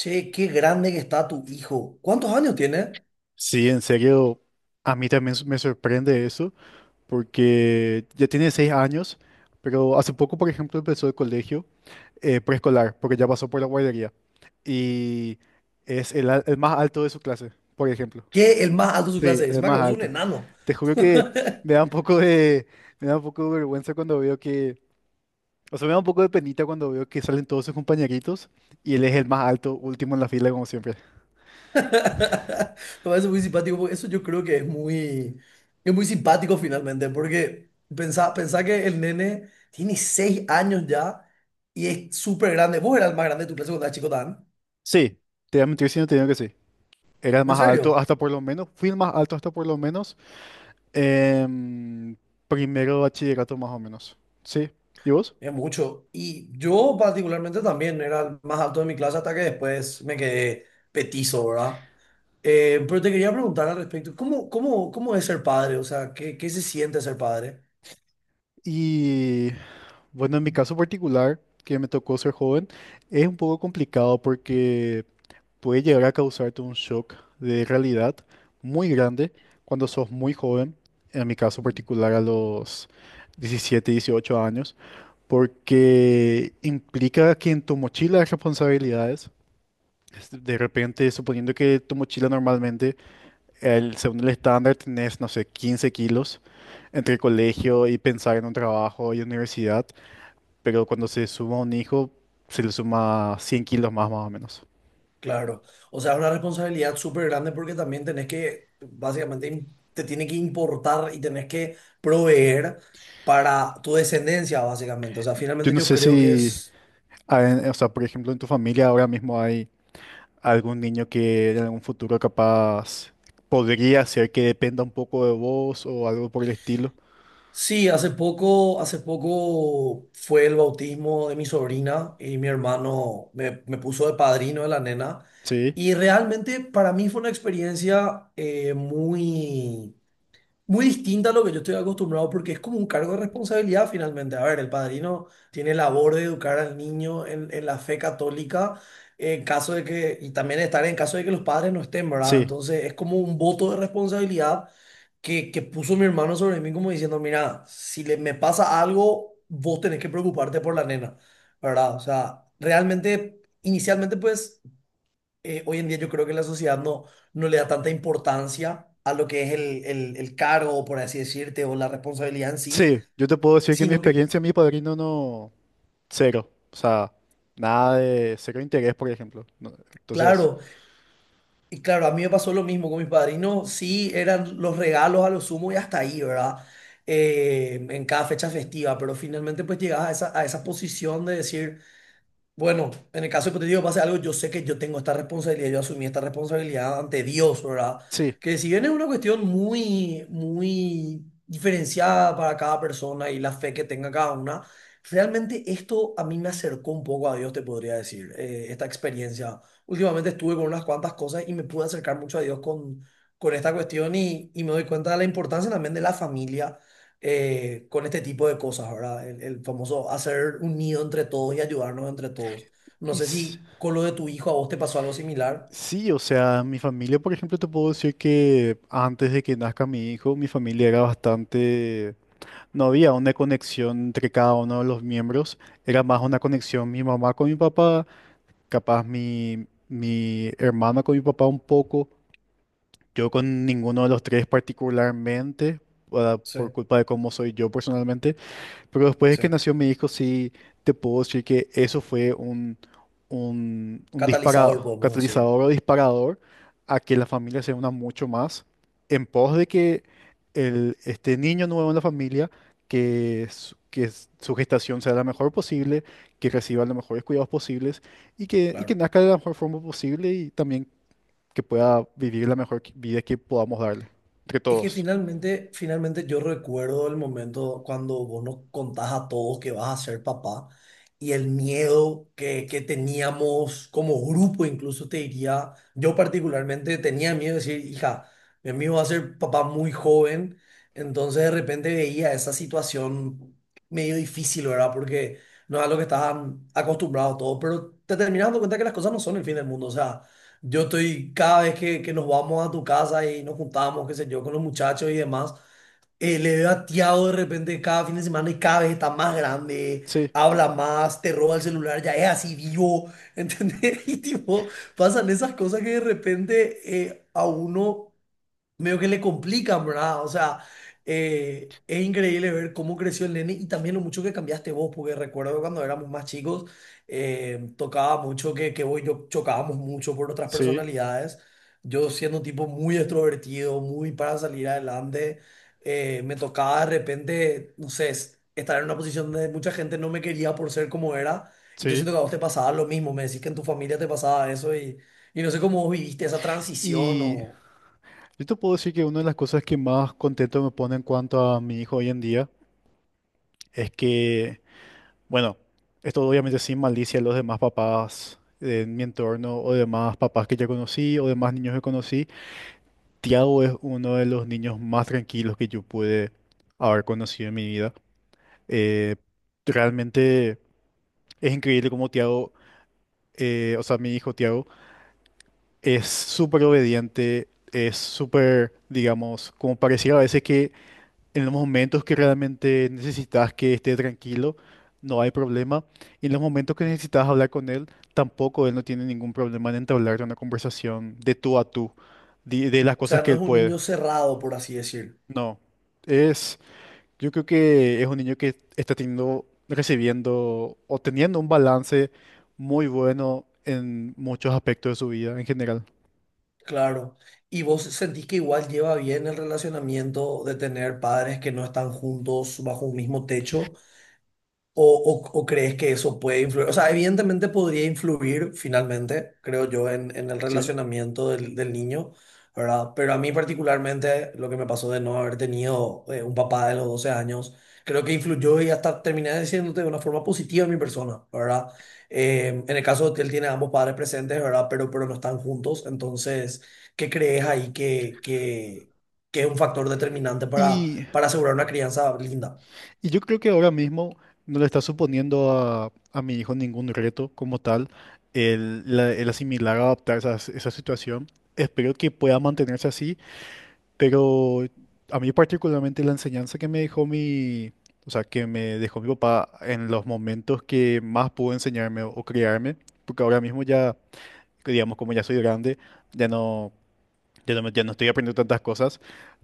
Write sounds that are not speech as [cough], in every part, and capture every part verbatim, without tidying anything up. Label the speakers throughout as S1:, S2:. S1: Che, qué grande que está tu hijo. ¿Cuántos años tiene?
S2: Sí, en serio, a mí también s- me sorprende eso, porque ya tiene seis años, pero hace poco, por ejemplo, empezó el colegio eh, preescolar, porque ya pasó por la guardería, y es el, al- el más alto de su clase, por ejemplo.
S1: Que el más alto de su
S2: Sí,
S1: clase es.
S2: el
S1: Encima que
S2: más
S1: vos sos un
S2: alto.
S1: enano.
S2: Te juro
S1: [laughs]
S2: que me da un poco de, me da un poco de vergüenza cuando veo que, o sea, me da un poco de penita cuando veo que salen todos sus compañeritos y él es el más alto, último en la fila, como siempre.
S1: Me parece muy simpático, porque eso yo creo que es muy, es muy simpático finalmente, porque pensá, pensá que el nene tiene seis años ya y es súper grande. Vos eras el más grande de tu clase cuando eras chico, tan.
S2: Sí, te voy a mentir si no te digo que sí. Era el
S1: En
S2: más alto
S1: serio,
S2: hasta por lo menos, fui el más alto hasta por lo menos em, primero de bachillerato más o menos. Sí, ¿y vos?
S1: es mucho. Y yo particularmente también era el más alto de mi clase hasta que después me quedé petizo, ¿verdad? Eh, pero te quería preguntar al respecto, ¿cómo, cómo, cómo es ser padre? O sea, ¿qué, qué se siente ser padre?
S2: Y bueno, en mi caso particular, que me tocó ser joven, es un poco complicado porque puede llegar a causarte un shock de realidad muy grande cuando sos muy joven, en mi caso particular a los diecisiete, dieciocho años, porque implica que en tu mochila hay responsabilidades. Es- De repente, suponiendo que tu mochila normalmente, el, según el estándar, tenés, no sé, quince kilos entre colegio y pensar en un trabajo y universidad, pero cuando se suma un hijo, se le suma cien kilos más, más o menos.
S1: Claro, o sea, es una responsabilidad súper grande porque también tenés que, básicamente, im- te tiene que importar y tenés que proveer para tu descendencia, básicamente. O sea,
S2: Yo
S1: finalmente
S2: no
S1: yo
S2: sé
S1: creo que
S2: si,
S1: es...
S2: ah, en- o sea, por ejemplo, en tu familia ahora mismo hay algún niño que en algún futuro capaz podría ser que dependa un poco de vos o algo por el estilo.
S1: Sí, hace poco, hace poco fue el bautismo de mi sobrina y mi hermano me, me puso de padrino de la nena.
S2: Sí,
S1: Y realmente para mí fue una experiencia eh, muy muy distinta a lo que yo estoy acostumbrado porque es como un cargo de responsabilidad finalmente. A ver, el padrino tiene labor de educar al niño en, en la fe católica en caso de que, y también estar en caso de que los padres no estén, ¿verdad?
S2: sí,
S1: Entonces es como un voto de responsabilidad que, que puso mi hermano sobre mí como diciendo, mira, si le, me pasa algo, vos tenés que preocuparte por la nena, ¿verdad? O sea, realmente, inicialmente pues eh, hoy en día yo creo que la sociedad no, no le da tanta importancia a lo que es el, el, el cargo, por así decirte, o la responsabilidad en sí,
S2: sí. Yo te puedo decir que en mi
S1: sino que,
S2: experiencia, mi padrino no. Cero. O sea, nada de cero interés, por ejemplo. No. Entonces,
S1: claro, y claro, a mí me pasó lo mismo con mis padrinos, sí, eran los regalos a lo sumo y hasta ahí, ¿verdad? Eh, en cada fecha festiva, pero finalmente pues llegabas a esa, a esa posición de decir... Bueno, en el caso hipotético pase algo, yo sé que yo tengo esta responsabilidad, yo asumí esta responsabilidad ante Dios, ¿verdad?
S2: sí.
S1: Que si bien es una cuestión muy, muy diferenciada para cada persona y la fe que tenga cada una, realmente esto a mí me acercó un poco a Dios, te podría decir, eh, esta experiencia. Últimamente estuve con unas cuantas cosas y me pude acercar mucho a Dios con, con esta cuestión y, y me doy cuenta de la importancia también de la familia eh, con este tipo de cosas, ¿verdad? El, el famoso hacer un nido entre todos y ayudarnos entre todos. No
S2: Y
S1: sé
S2: s-
S1: si con lo de tu hijo a vos te pasó algo similar.
S2: sí, o sea, mi familia, por ejemplo, te puedo decir que antes de que nazca mi hijo, mi familia era bastante... No había una conexión entre cada uno de los miembros. Era más una conexión mi mamá con mi papá, capaz mi, mi hermana con mi papá un poco. Yo con ninguno de los tres particularmente, ah,
S1: Sí,
S2: por culpa de cómo soy yo personalmente. Pero después de
S1: sí.
S2: que nació mi hijo, sí te puedo decir que eso fue un, un, un
S1: Catalizador,
S2: disparador,
S1: podemos decir.
S2: catalizador o disparador a que la familia se una mucho más en pos de que el, este niño nuevo en la familia, que, su- que s- su gestación sea la mejor posible, que reciba los mejores cuidados posibles y que, y que
S1: Claro.
S2: nazca de la mejor forma posible y también que pueda vivir la mejor qui- vida que podamos darle, entre
S1: Es que
S2: todos.
S1: finalmente, finalmente yo recuerdo el momento cuando vos nos contás a todos que vas a ser papá y el miedo que, que teníamos como grupo, incluso te diría, yo particularmente tenía miedo de decir, hija, mi amigo va a ser papá muy joven, entonces de repente veía esa situación medio difícil, ¿verdad? Porque no es a lo que estaban acostumbrados todos, pero te terminas dando cuenta que las cosas no son el fin del mundo, o sea... Yo estoy, cada vez que, que nos vamos a tu casa y nos juntamos, qué sé yo, con los muchachos y demás, eh, le veo a Tiago de repente cada fin de semana y cada vez está más grande,
S2: Sí,
S1: habla más, te roba el celular, ya es así vivo, ¿entendés? [laughs] Y tipo, pasan esas cosas que de repente eh, a uno medio que le complican, ¿verdad? O sea, eh, es increíble ver cómo creció el nene y también lo mucho que cambiaste vos, porque recuerdo cuando éramos más chicos, eh, tocaba mucho que, que vos y yo chocábamos mucho por otras
S2: sí,
S1: personalidades. Yo siendo un tipo muy extrovertido, muy para salir adelante, eh, me tocaba de repente, no sé, es- estar en una posición donde mucha gente no me quería por ser como era. Y yo
S2: sí.
S1: siento que a vos te pasaba lo mismo, me decís que en tu familia te pasaba eso y, y no sé cómo vos viviste esa transición
S2: Y
S1: o...
S2: Yo te puedo decir que una de las cosas que más contento me pone en cuanto a mi hijo hoy en día es que, bueno, esto obviamente sin malicia a los demás papás de mi entorno o demás papás que ya conocí o demás niños que conocí, Tiago es uno de los niños más tranquilos que yo pude haber conocido en mi vida. Eh, Realmente es increíble cómo Tiago, eh, o sea, mi hijo Tiago, es súper obediente, es súper, digamos, como pareciera a veces que en los momentos que realmente necesitas que esté tranquilo, no hay problema. Y en los momentos que necesitas hablar con él, tampoco él no tiene ningún problema en entablar una conversación de tú a tú, de, de las
S1: O sea,
S2: cosas que
S1: no es
S2: él
S1: un
S2: puede.
S1: niño cerrado, por así decir.
S2: No. Es, yo creo que es un niño que está teniendo, recibiendo o teniendo un balance muy bueno en muchos aspectos de su vida en general.
S1: Claro. Y vos sentís que igual lleva bien el relacionamiento de tener padres que no están juntos bajo un mismo techo, O, o- o crees que eso puede influir? O sea, evidentemente podría influir finalmente, creo yo, en, en el
S2: ¿Sí?
S1: relacionamiento del, del niño, ¿verdad? Pero a mí particularmente lo que me pasó de no haber tenido eh, un papá de los doce años, creo que influyó y hasta terminé diciéndote de una forma positiva en mi persona, ¿verdad? Eh, en el caso de que él tiene a ambos padres presentes, ¿verdad? Pero, pero no están juntos, entonces, ¿qué crees ahí que, que, que es un factor determinante para,
S2: Y
S1: para asegurar una crianza linda?
S2: Y yo creo que ahora mismo no le está suponiendo a, a mi hijo ningún reto como tal el, la- el asimilar, adaptar esa, esa situación. Espero que pueda mantenerse así, pero a mí particularmente la enseñanza que me dejó mi, o sea, que me dejó mi papá en los momentos que más pudo enseñarme o criarme, porque ahora mismo ya, digamos, como ya soy grande, ya no, ya no, me- ya no estoy aprendiendo tantas cosas.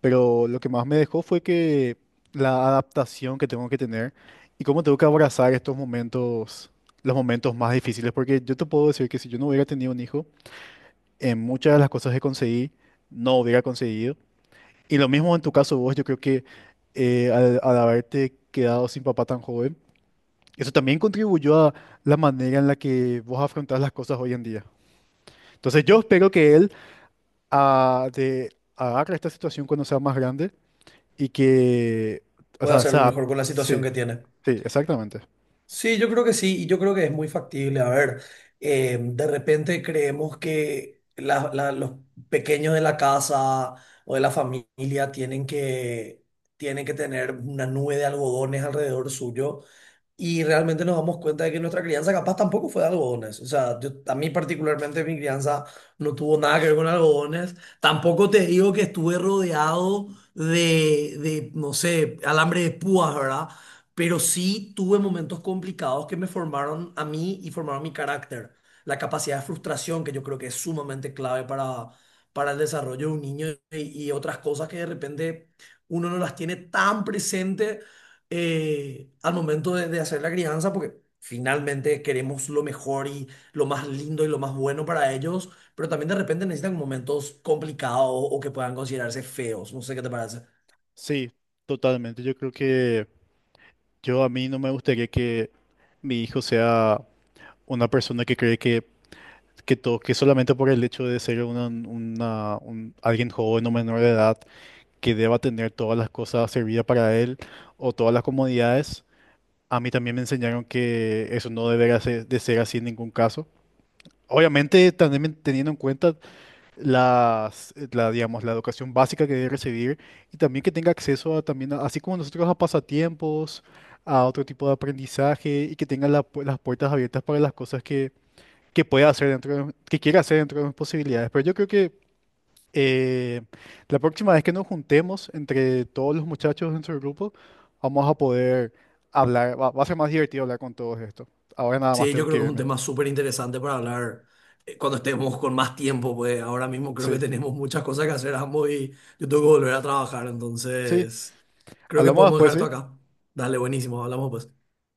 S2: Pero lo que más me dejó fue que la adaptación que tengo que tener y cómo tengo que abrazar estos momentos, los momentos más difíciles, porque yo te puedo decir que si yo no hubiera tenido un hijo, en muchas de las cosas que conseguí, no hubiera conseguido. Y lo mismo en tu caso vos, yo creo que eh, al, al haberte quedado sin papá tan joven, eso también contribuyó a la manera en la que vos afrontás las cosas hoy en día. Entonces yo espero que él ah, de, agarre esta situación cuando sea más grande. Y que, o
S1: Puede
S2: sea, se
S1: hacerlo
S2: adap-
S1: mejor con la
S2: sí,
S1: situación que tiene.
S2: sí, exactamente.
S1: Sí, yo creo que sí, y yo creo que es muy factible. A ver, eh, de repente creemos que la- la- los pequeños de la casa o de la familia tienen que, tienen que tener una nube de algodones alrededor suyo. Y realmente nos damos cuenta de que nuestra crianza capaz tampoco fue de algodones. O sea, yo, a mí particularmente mi crianza no tuvo nada que ver con algodones. Tampoco te digo que estuve rodeado de, de no sé, alambre de púas, ¿verdad? Pero sí tuve momentos complicados que me formaron a mí y formaron mi carácter. La capacidad de frustración, que yo creo que es sumamente clave para, para el desarrollo de un niño y, y otras cosas que de repente uno no las tiene tan presente eh, al momento de, de hacer la crianza, porque finalmente queremos lo mejor y lo más lindo y lo más bueno para ellos, pero también de repente necesitan momentos complicados o que puedan considerarse feos. No sé qué te parece.
S2: Sí, totalmente. Yo creo que yo a mí no me gustaría que mi hijo sea una persona que cree que, que todo, que solamente por el hecho de ser una, una- un- alguien joven o menor de edad, que deba tener todas las cosas servidas para él o todas las comodidades. A mí también me enseñaron que eso no debería ser- de ser así en ningún caso. Obviamente, también teniendo en cuenta las, la, digamos, la educación básica que debe recibir y también que tenga acceso a, también, a- así como nosotros, a pasatiempos, a otro tipo de aprendizaje y que tenga la pu- las puertas abiertas para las cosas que, que pueda hacer dentro de, que quiera hacer dentro de mis posibilidades. Pero yo creo que eh, la próxima vez que nos juntemos entre todos los muchachos dentro del grupo, vamos a poder hablar, va, va a ser más divertido hablar con todos esto. Ahora nada más
S1: Sí, yo
S2: tengo
S1: creo
S2: que
S1: que es un
S2: irme.
S1: tema súper interesante para hablar eh, cuando estemos con más tiempo, pues ahora mismo creo que
S2: Sí,
S1: tenemos muchas cosas que hacer ambos y yo tengo que volver a trabajar,
S2: sí,
S1: entonces creo que
S2: hablamos
S1: podemos
S2: después,
S1: dejar esto
S2: ¿sí?
S1: acá. Dale, buenísimo, hablamos pues.